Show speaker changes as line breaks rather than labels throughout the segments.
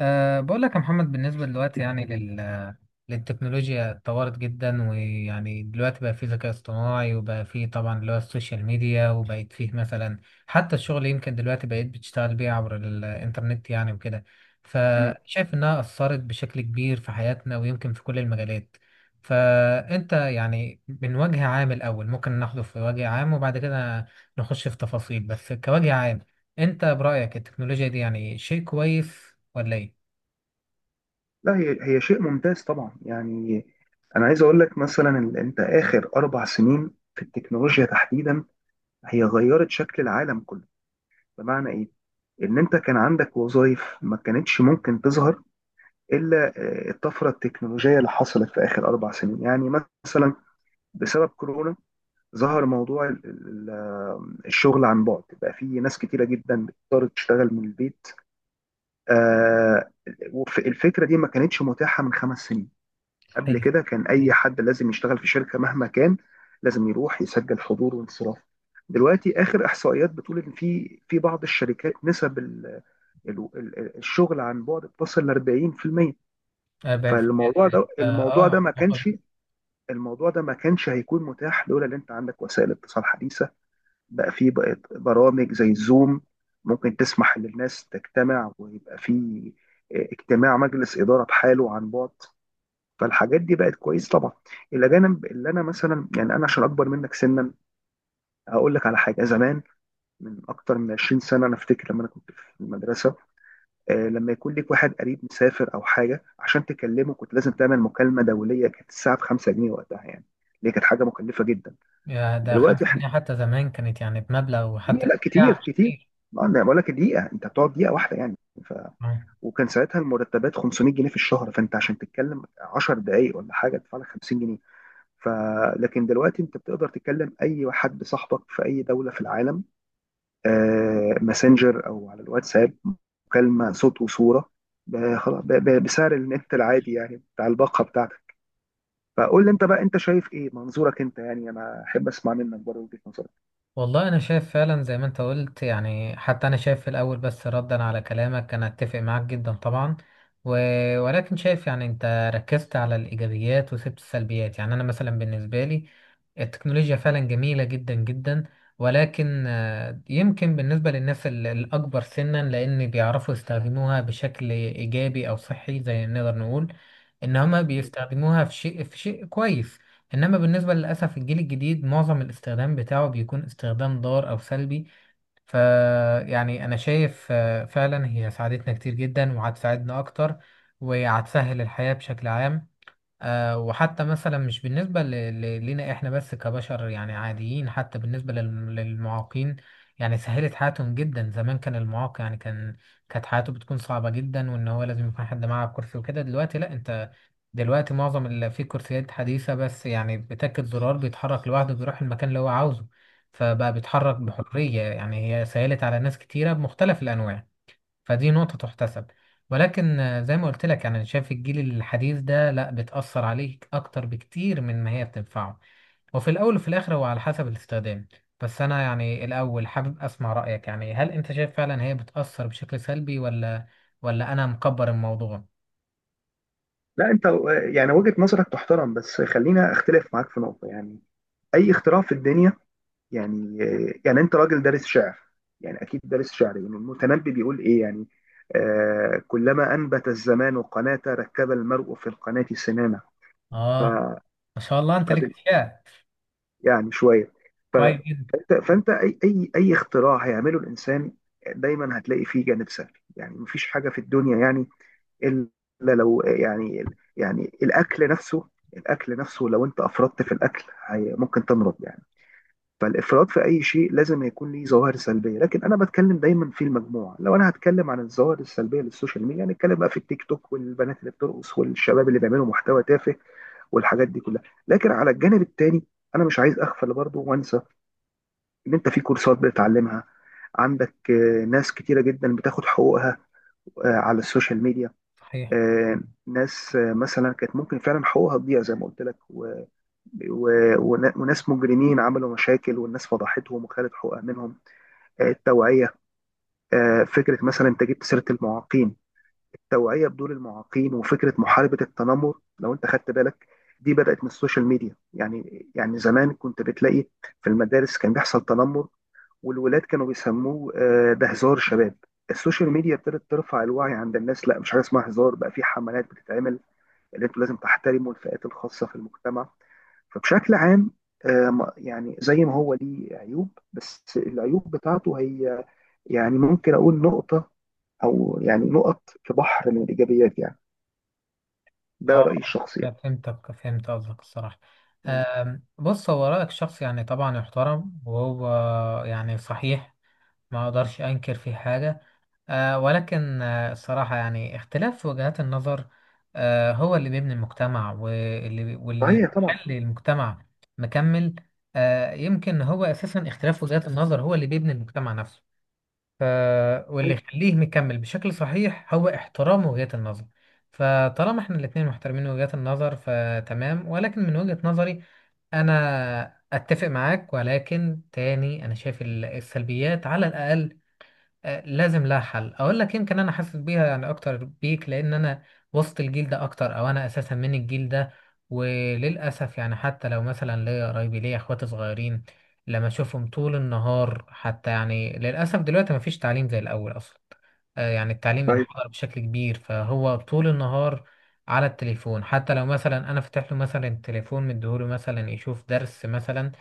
بقول لك يا محمد، بالنسبة دلوقتي يعني للتكنولوجيا اتطورت جدا. ويعني دلوقتي بقى فيه ذكاء اصطناعي، وبقى فيه طبعا اللي هو السوشيال ميديا، وبقيت فيه مثلا حتى الشغل. يمكن دلوقتي بقيت بتشتغل بيه عبر الإنترنت يعني وكده.
مم.
فشايف إنها أثرت بشكل كبير في حياتنا، ويمكن في كل المجالات. فأنت يعني من وجه عام الأول ممكن ناخده في وجه عام، وبعد كده نخش في تفاصيل، بس كوجه عام أنت برأيك التكنولوجيا دي يعني شيء كويس ولا إيه؟
لا هي شيء ممتاز طبعا، يعني انا عايز اقول لك مثلا إن انت اخر اربع سنين في التكنولوجيا تحديدا هي غيرت شكل العالم كله. بمعنى ايه؟ ان انت كان عندك وظائف ما كانتش ممكن تظهر الا الطفره التكنولوجيه اللي حصلت في اخر اربع سنين، يعني مثلا بسبب كورونا ظهر موضوع الشغل عن بعد. بقى في ناس كتيره جدا بتضطر تشتغل من البيت، آه، الفكره دي ما كانتش متاحه من خمس سنين. قبل
صحيح.
كده كان اي حد لازم يشتغل في شركه مهما كان، لازم يروح يسجل حضور وانصراف. دلوقتي اخر احصائيات بتقول ان في بعض الشركات نسب الشغل عن بعد بتصل ل 40%.
آه،
فالموضوع ده الموضوع ده ما
عملاقة
كانش
جداً.
الموضوع ده ما كانش هيكون متاح لولا ان انت عندك وسائل اتصال حديثه. بقى في بقت برامج زي الزوم ممكن تسمح للناس تجتمع، ويبقى في اجتماع مجلس اداره بحاله عن بعد. فالحاجات دي بقت كويسه طبعا. الاجانب اللي انا مثلا، يعني انا عشان اكبر منك سنا هقول لك على حاجه زمان. من اكتر من 20 سنه، انا افتكر لما انا كنت في المدرسه، لما يكون ليك واحد قريب مسافر او حاجه عشان تكلمه كنت لازم تعمل مكالمه دوليه. كانت الساعه ب 5 جنيه وقتها يعني، اللي كانت حاجه مكلفه جدا.
يا ده خمسة
دلوقتي
جنيه حتى زمان كانت يعني بمبلغ،
هي
وحتى
لا، كتير
ساعة مش
كتير.
كتير.
ما انا بقول لك دقيقه، انت بتقعد دقيقه واحده يعني. ف...
آه.
وكان ساعتها المرتبات 500 جنيه في الشهر، فانت عشان تتكلم 10 دقائق ولا حاجه تدفع لك 50 جنيه. ف لكن دلوقتي انت بتقدر تتكلم اي حد صاحبك في اي دوله في العالم، ماسنجر او على الواتساب، مكالمه صوت وصوره، خلاص، بسعر النت العادي يعني، بتاع الباقه بتاعتك. فقول لي انت بقى، انت شايف ايه منظورك انت، يعني انا احب اسمع منك بره وجهه نظرك.
والله انا شايف فعلا زي ما انت قلت. يعني حتى انا شايف في الاول، بس ردا على كلامك، انا اتفق معاك جدا طبعا. و... ولكن شايف يعني انت ركزت على الايجابيات وسبت السلبيات. يعني انا مثلا بالنسبه لي التكنولوجيا فعلا جميله جدا جدا، ولكن يمكن بالنسبه للناس الاكبر سنا، لان بيعرفوا يستخدموها بشكل ايجابي او صحي، زي ما نقدر نقول ان هما بيستخدموها في شيء كويس. انما بالنسبه للاسف الجيل الجديد معظم الاستخدام بتاعه بيكون استخدام ضار او سلبي. ف يعني انا شايف فعلا هي ساعدتنا كتير جدا وهتساعدنا اكتر، وهتسهل الحياه بشكل عام. وحتى مثلا مش بالنسبة لنا احنا بس كبشر يعني عاديين، حتى بالنسبة للمعاقين. يعني سهلت حياتهم جدا. زمان كان المعاق يعني كانت حياته بتكون صعبة جدا، وان هو لازم يكون حد معاه كرسي وكده. دلوقتي لا، انت دلوقتي معظم اللي في كرسيات حديثة، بس يعني بتاكد زرار بيتحرك لوحده، بيروح المكان اللي هو عاوزه. فبقى بيتحرك بحرية. يعني هي سهلت على ناس كتيرة بمختلف الأنواع. فدي نقطة تحتسب. ولكن زي ما قلت لك، يعني أنا شايف الجيل الحديث ده لا بتأثر عليك أكتر بكتير من ما هي بتنفعه. وفي الأول وفي الآخر هو على حسب الاستخدام. بس أنا يعني الأول حابب أسمع رأيك. يعني هل أنت شايف فعلا هي بتأثر بشكل سلبي ولا أنا مكبر الموضوع؟
لا انت، يعني وجهه نظرك تحترم، بس خلينا اختلف معاك في نقطه يعني. اي اختراع في الدنيا، يعني انت راجل دارس شعر، يعني اكيد دارس شعر، يعني المتنبي بيقول ايه يعني؟ آه، كلما انبت الزمان قناة ركب المرء في القناة سنامة. ف
آه، ما شاء الله أنت ليك
فب-
فيها.
يعني شوية. ف-
كويس جدا.
فانت اي اختراع هيعمله الانسان دايما هتلاقي فيه جانب سلبي، يعني مفيش حاجة في الدنيا يعني الا لو، يعني الاكل نفسه. لو انت افرطت في الاكل ممكن تمرض يعني. فالافراط في اي شيء لازم يكون ليه ظواهر سلبيه. لكن انا بتكلم دايما في المجموعه، لو انا هتكلم عن الظواهر السلبيه للسوشيال ميديا هنتكلم بقى في التيك توك والبنات اللي بترقص والشباب اللي بيعملوا محتوى تافه والحاجات دي كلها. لكن على الجانب التاني انا مش عايز اغفل برضه وانسى ان انت في كورسات بتتعلمها. عندك ناس كتيره جدا بتاخد حقوقها على السوشيال ميديا،
صحيح.
آه، ناس مثلا كانت ممكن فعلا حقوقها تضيع زي ما قلت لك، وناس مجرمين عملوا مشاكل والناس فضحتهم وخدت حقوقها منهم. التوعية، فكرة مثلا انت جبت سيرة المعاقين، التوعية بدور المعاقين وفكرة محاربة التنمر لو انت خدت بالك، دي بدأت من السوشيال ميديا، يعني زمان كنت بتلاقي في المدارس كان بيحصل تنمر والولاد كانوا بيسموه ده هزار شباب. السوشيال ميديا ابتدت ترفع الوعي عند الناس، لا مش حاجه اسمها هزار، بقى في حملات بتتعمل اللي انتوا لازم تحترموا الفئات الخاصه في المجتمع. فبشكل عام يعني زي ما هو ليه عيوب، بس العيوب بتاعته هي يعني ممكن أقول نقطة أو يعني نقط في بحر من الإيجابيات يعني. ده رأيي
آه،
الشخصي
أنا
يعني.
فهمتك، فهمت قصدك الصراحة.
مم.
بص، هو رأيك شخص يعني طبعا يحترم، وهو يعني صحيح. ما اقدرش انكر في حاجه. آه، ولكن آه الصراحه يعني اختلاف في وجهات النظر، آه هو اللي بيبني المجتمع، واللي
صحيح طبعا.
يخلي المجتمع مكمل. آه، يمكن هو اساسا اختلاف وجهات النظر هو اللي بيبني المجتمع نفسه. ف واللي
صحيح.
يخليه مكمل بشكل صحيح هو احترام وجهات النظر. فطالما احنا الاتنين محترمين وجهات النظر فتمام، ولكن من وجهة نظري انا اتفق معاك، ولكن تاني انا شايف السلبيات على الاقل لازم لها حل. اقول لك يمكن انا حاسس بيها يعني اكتر بيك، لان انا وسط الجيل ده اكتر، او انا اساسا من الجيل ده. وللاسف يعني حتى لو مثلا ليا قرايبي، ليا اخواتي صغيرين، لما اشوفهم طول النهار. حتى يعني للاسف دلوقتي مفيش تعليم زي الاول اصلا. يعني التعليم
صحيح.
انحدر بشكل كبير، فهو طول النهار على التليفون. حتى لو مثلا انا فتح له مثلا التليفون مديهوله مثلا يشوف درس مثلا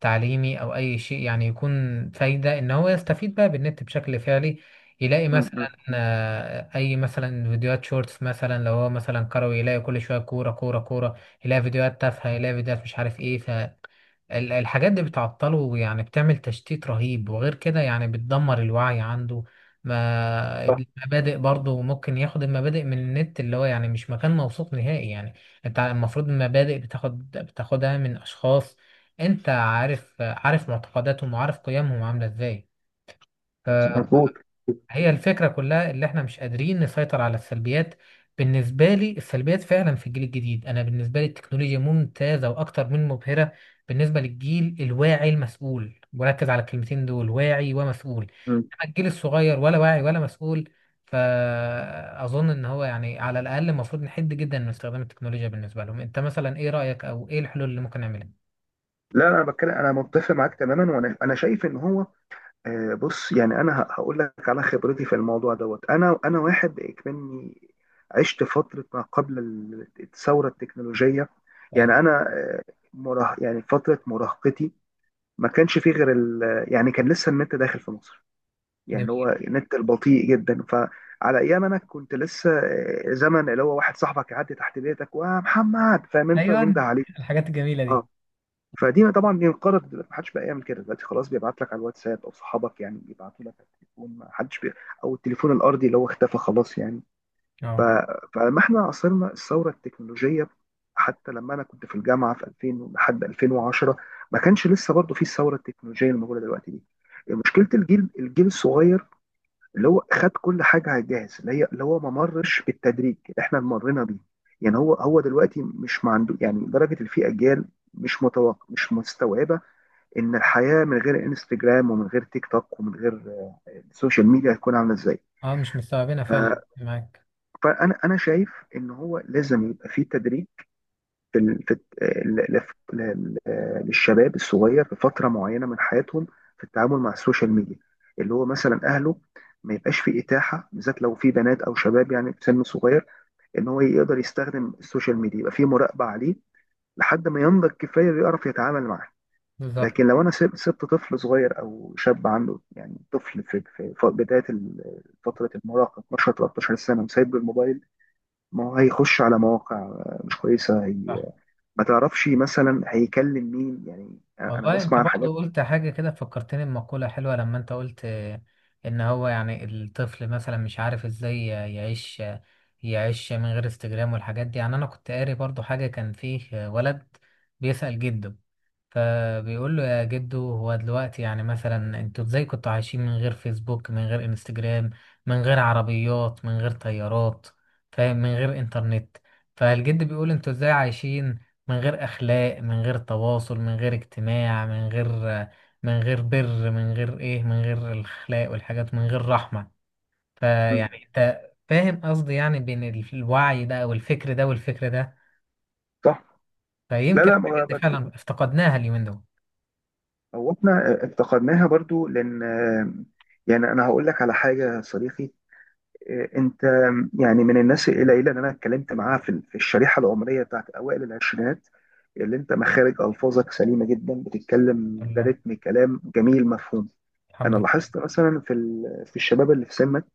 تعليمي او اي شيء يعني يكون فايده ان هو يستفيد بقى بالنت بشكل فعلي، يلاقي
مم، مم.
مثلا اي مثلا فيديوهات شورتس. مثلا لو هو مثلا كروي يلاقي كل شويه كوره كوره كوره. يلاقي فيديوهات تافهه، يلاقي فيديوهات مش عارف ايه. الحاجات دي بتعطله، يعني بتعمل تشتيت رهيب، وغير كده يعني بتدمر الوعي عنده. ما
صح.
المبادئ برضه ممكن ياخد المبادئ من النت اللي هو يعني مش مكان موثوق نهائي يعني. انت المفروض المبادئ بتاخدها من اشخاص انت عارف معتقداتهم وعارف قيمهم عاملة ازاي.
مظبوط.
هي الفكرة كلها اللي احنا مش قادرين نسيطر على السلبيات. بالنسبة لي السلبيات فعلا في الجيل الجديد. انا بالنسبة لي التكنولوجيا ممتازة واكتر من مبهرة بالنسبة للجيل الواعي المسؤول، وركز على الكلمتين دول: واعي ومسؤول.
مم.
اما الجيل الصغير ولا واعي ولا مسؤول. فأظن ان هو يعني على الاقل المفروض نحد جدا من استخدام التكنولوجيا بالنسبة لهم. انت مثلا ايه رأيك، او ايه الحلول اللي ممكن نعملها؟
لا أنا بتكلم، أنا متفق معاك تماما، وأنا شايف إن هو بص، يعني انا هقول لك على خبرتي في الموضوع دوت. انا واحد اكمني عشت فتره ما قبل الثوره التكنولوجيه،
ايوه.
يعني انا مراه، يعني فتره مراهقتي ما كانش فيه غير يعني كان لسه النت داخل في مصر، يعني
جميل.
هو النت البطيء جدا. فعلى ايام انا كنت لسه زمن اللي هو واحد صاحبك يعدي تحت بيتك ومحمد فاهم انت
ايوه،
وينده عليك.
الحاجات الجميلة دي.
اه. فدي طبعا انقرضت دلوقتي، محدش بقى يعمل كده. دلوقتي خلاص بيبعت لك على الواتساب، او صحابك يعني بيبعتوا لك على التليفون، محدش او التليفون الارضي اللي هو اختفى خلاص يعني. ف...
اه.
فلما احنا عاصرنا الثوره التكنولوجيه، حتى لما انا كنت في الجامعه في 2000 لحد 2010 ما كانش لسه برضه في الثوره التكنولوجيه الموجوده دلوقتي دي. مشكله الجيل الصغير اللي هو خد كل حاجه على الجاهز، اللي هي اللي هو ما مرش بالتدريج اللي احنا مرينا بيه. يعني هو دلوقتي مش ما عنده، يعني لدرجه ان في اجيال مش متوقع مش مستوعبه ان الحياه من غير انستجرام ومن غير تيك توك ومن غير السوشيال ميديا هتكون عامله ازاي.
اه، مش مستوعبينها فعلا
ف-
معاك.
فانا شايف ان هو لازم يبقى في تدريب في ال- في الت- ل- ل- ل- ل- للشباب الصغير في فتره معينه من حياتهم في التعامل مع السوشيال ميديا. اللي هو مثلا اهله ما يبقاش في اتاحه، بالذات لو في بنات او شباب يعني في سن صغير، ان هو يقدر يستخدم السوشيال ميديا، يبقى في مراقبه عليه لحد ما ينضج كفايه يعرف يتعامل معاه.
بالظبط.
لكن لو انا سبت طفل صغير او شاب عنده، يعني طفل في بدايه فتره المراهقه، 12 13 سنه، وسايب له الموبايل، ما هو هيخش على مواقع مش كويسه هي،
صح.
ما تعرفش مثلا هيكلم مين، يعني انا
والله انت
بسمع عن حاجات.
برضو قلت حاجة كده فكرتني بمقولة حلوة. لما انت قلت ان هو يعني الطفل مثلا مش عارف ازاي يعيش من غير انستجرام والحاجات دي. يعني انا كنت قاري برضو حاجة، كان فيه ولد بيسأل جده، فبيقول له: يا جدو، هو دلوقتي يعني مثلا انتوا ازاي كنتوا عايشين من غير فيسبوك، من غير انستجرام، من غير عربيات، من غير طيارات، فاهم، من غير انترنت؟ فالجد بيقول: انتوا ازاي عايشين من غير اخلاق، من غير تواصل، من غير اجتماع، من غير بر، من غير ايه، من غير الاخلاق والحاجات، من غير رحمة.
مم.
فيعني انت فاهم قصدي، يعني بين الوعي ده او الفكر ده والفكر ده.
صح. لا
فيمكن
لا، ما
الحاجات
هو
دي فعلا افتقدناها اليومين دول.
هو احنا افتقدناها برضو، لان يعني انا هقول لك على حاجه يا صديقي. انت، يعني من الناس القليله اللي انا اتكلمت معاها في الشريحه العمريه بتاعت اوائل العشرينات، اللي انت مخارج الفاظك سليمه جدا، بتتكلم
الحمد لله،
برتم كلام جميل مفهوم.
الحمد
انا لاحظت
لله.
مثلا في الشباب اللي في سنك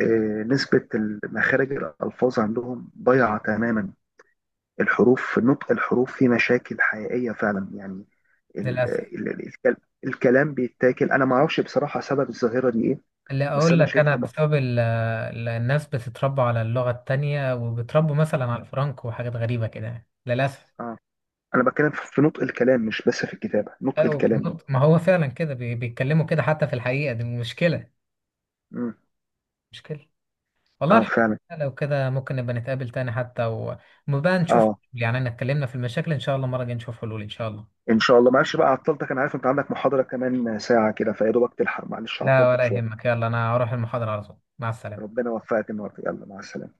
نسبه مخارج الالفاظ عندهم ضايعه تماما. الحروف، نطق الحروف، في مشاكل حقيقيه فعلا يعني. ال-
للأسف.
ال- ال- الكل- الكلام بيتاكل. انا ما اعرفش بصراحه سبب الظاهره دي ايه.
اللي
بس
أقول
انا
لك أنا
شايفها،
بسبب الناس بتتربى على اللغة التانية، وبتربوا مثلا على الفرنك وحاجات غريبة كده يعني للأسف.
اه، انا بتكلم في نطق الكلام مش بس في الكتابه، نطق
أو في
الكلام ده.
النط، ما هو فعلا كده بيتكلموا كده. حتى في الحقيقة دي مشكلة،
امم
مشكلة. والله
اه،
الحمد
فعلا.
لله لو كده. ممكن نبقى نتقابل تاني حتى، ونبقى نشوف.
اه،
يعني أنا اتكلمنا في المشاكل، إن شاء الله المرة الجاية نشوف حلول إن شاء الله.
ان شاء الله. معلش بقى عطلتك، انا عارف انت عندك محاضره كمان ساعه كده، فيا دوبك تلحق، معلش
لا
عطلتك
ولا
شويه.
يهمك، يلا أنا هروح المحاضرة على طول. مع السلامة.
ربنا يوفقك النهارده، يلا مع السلامه.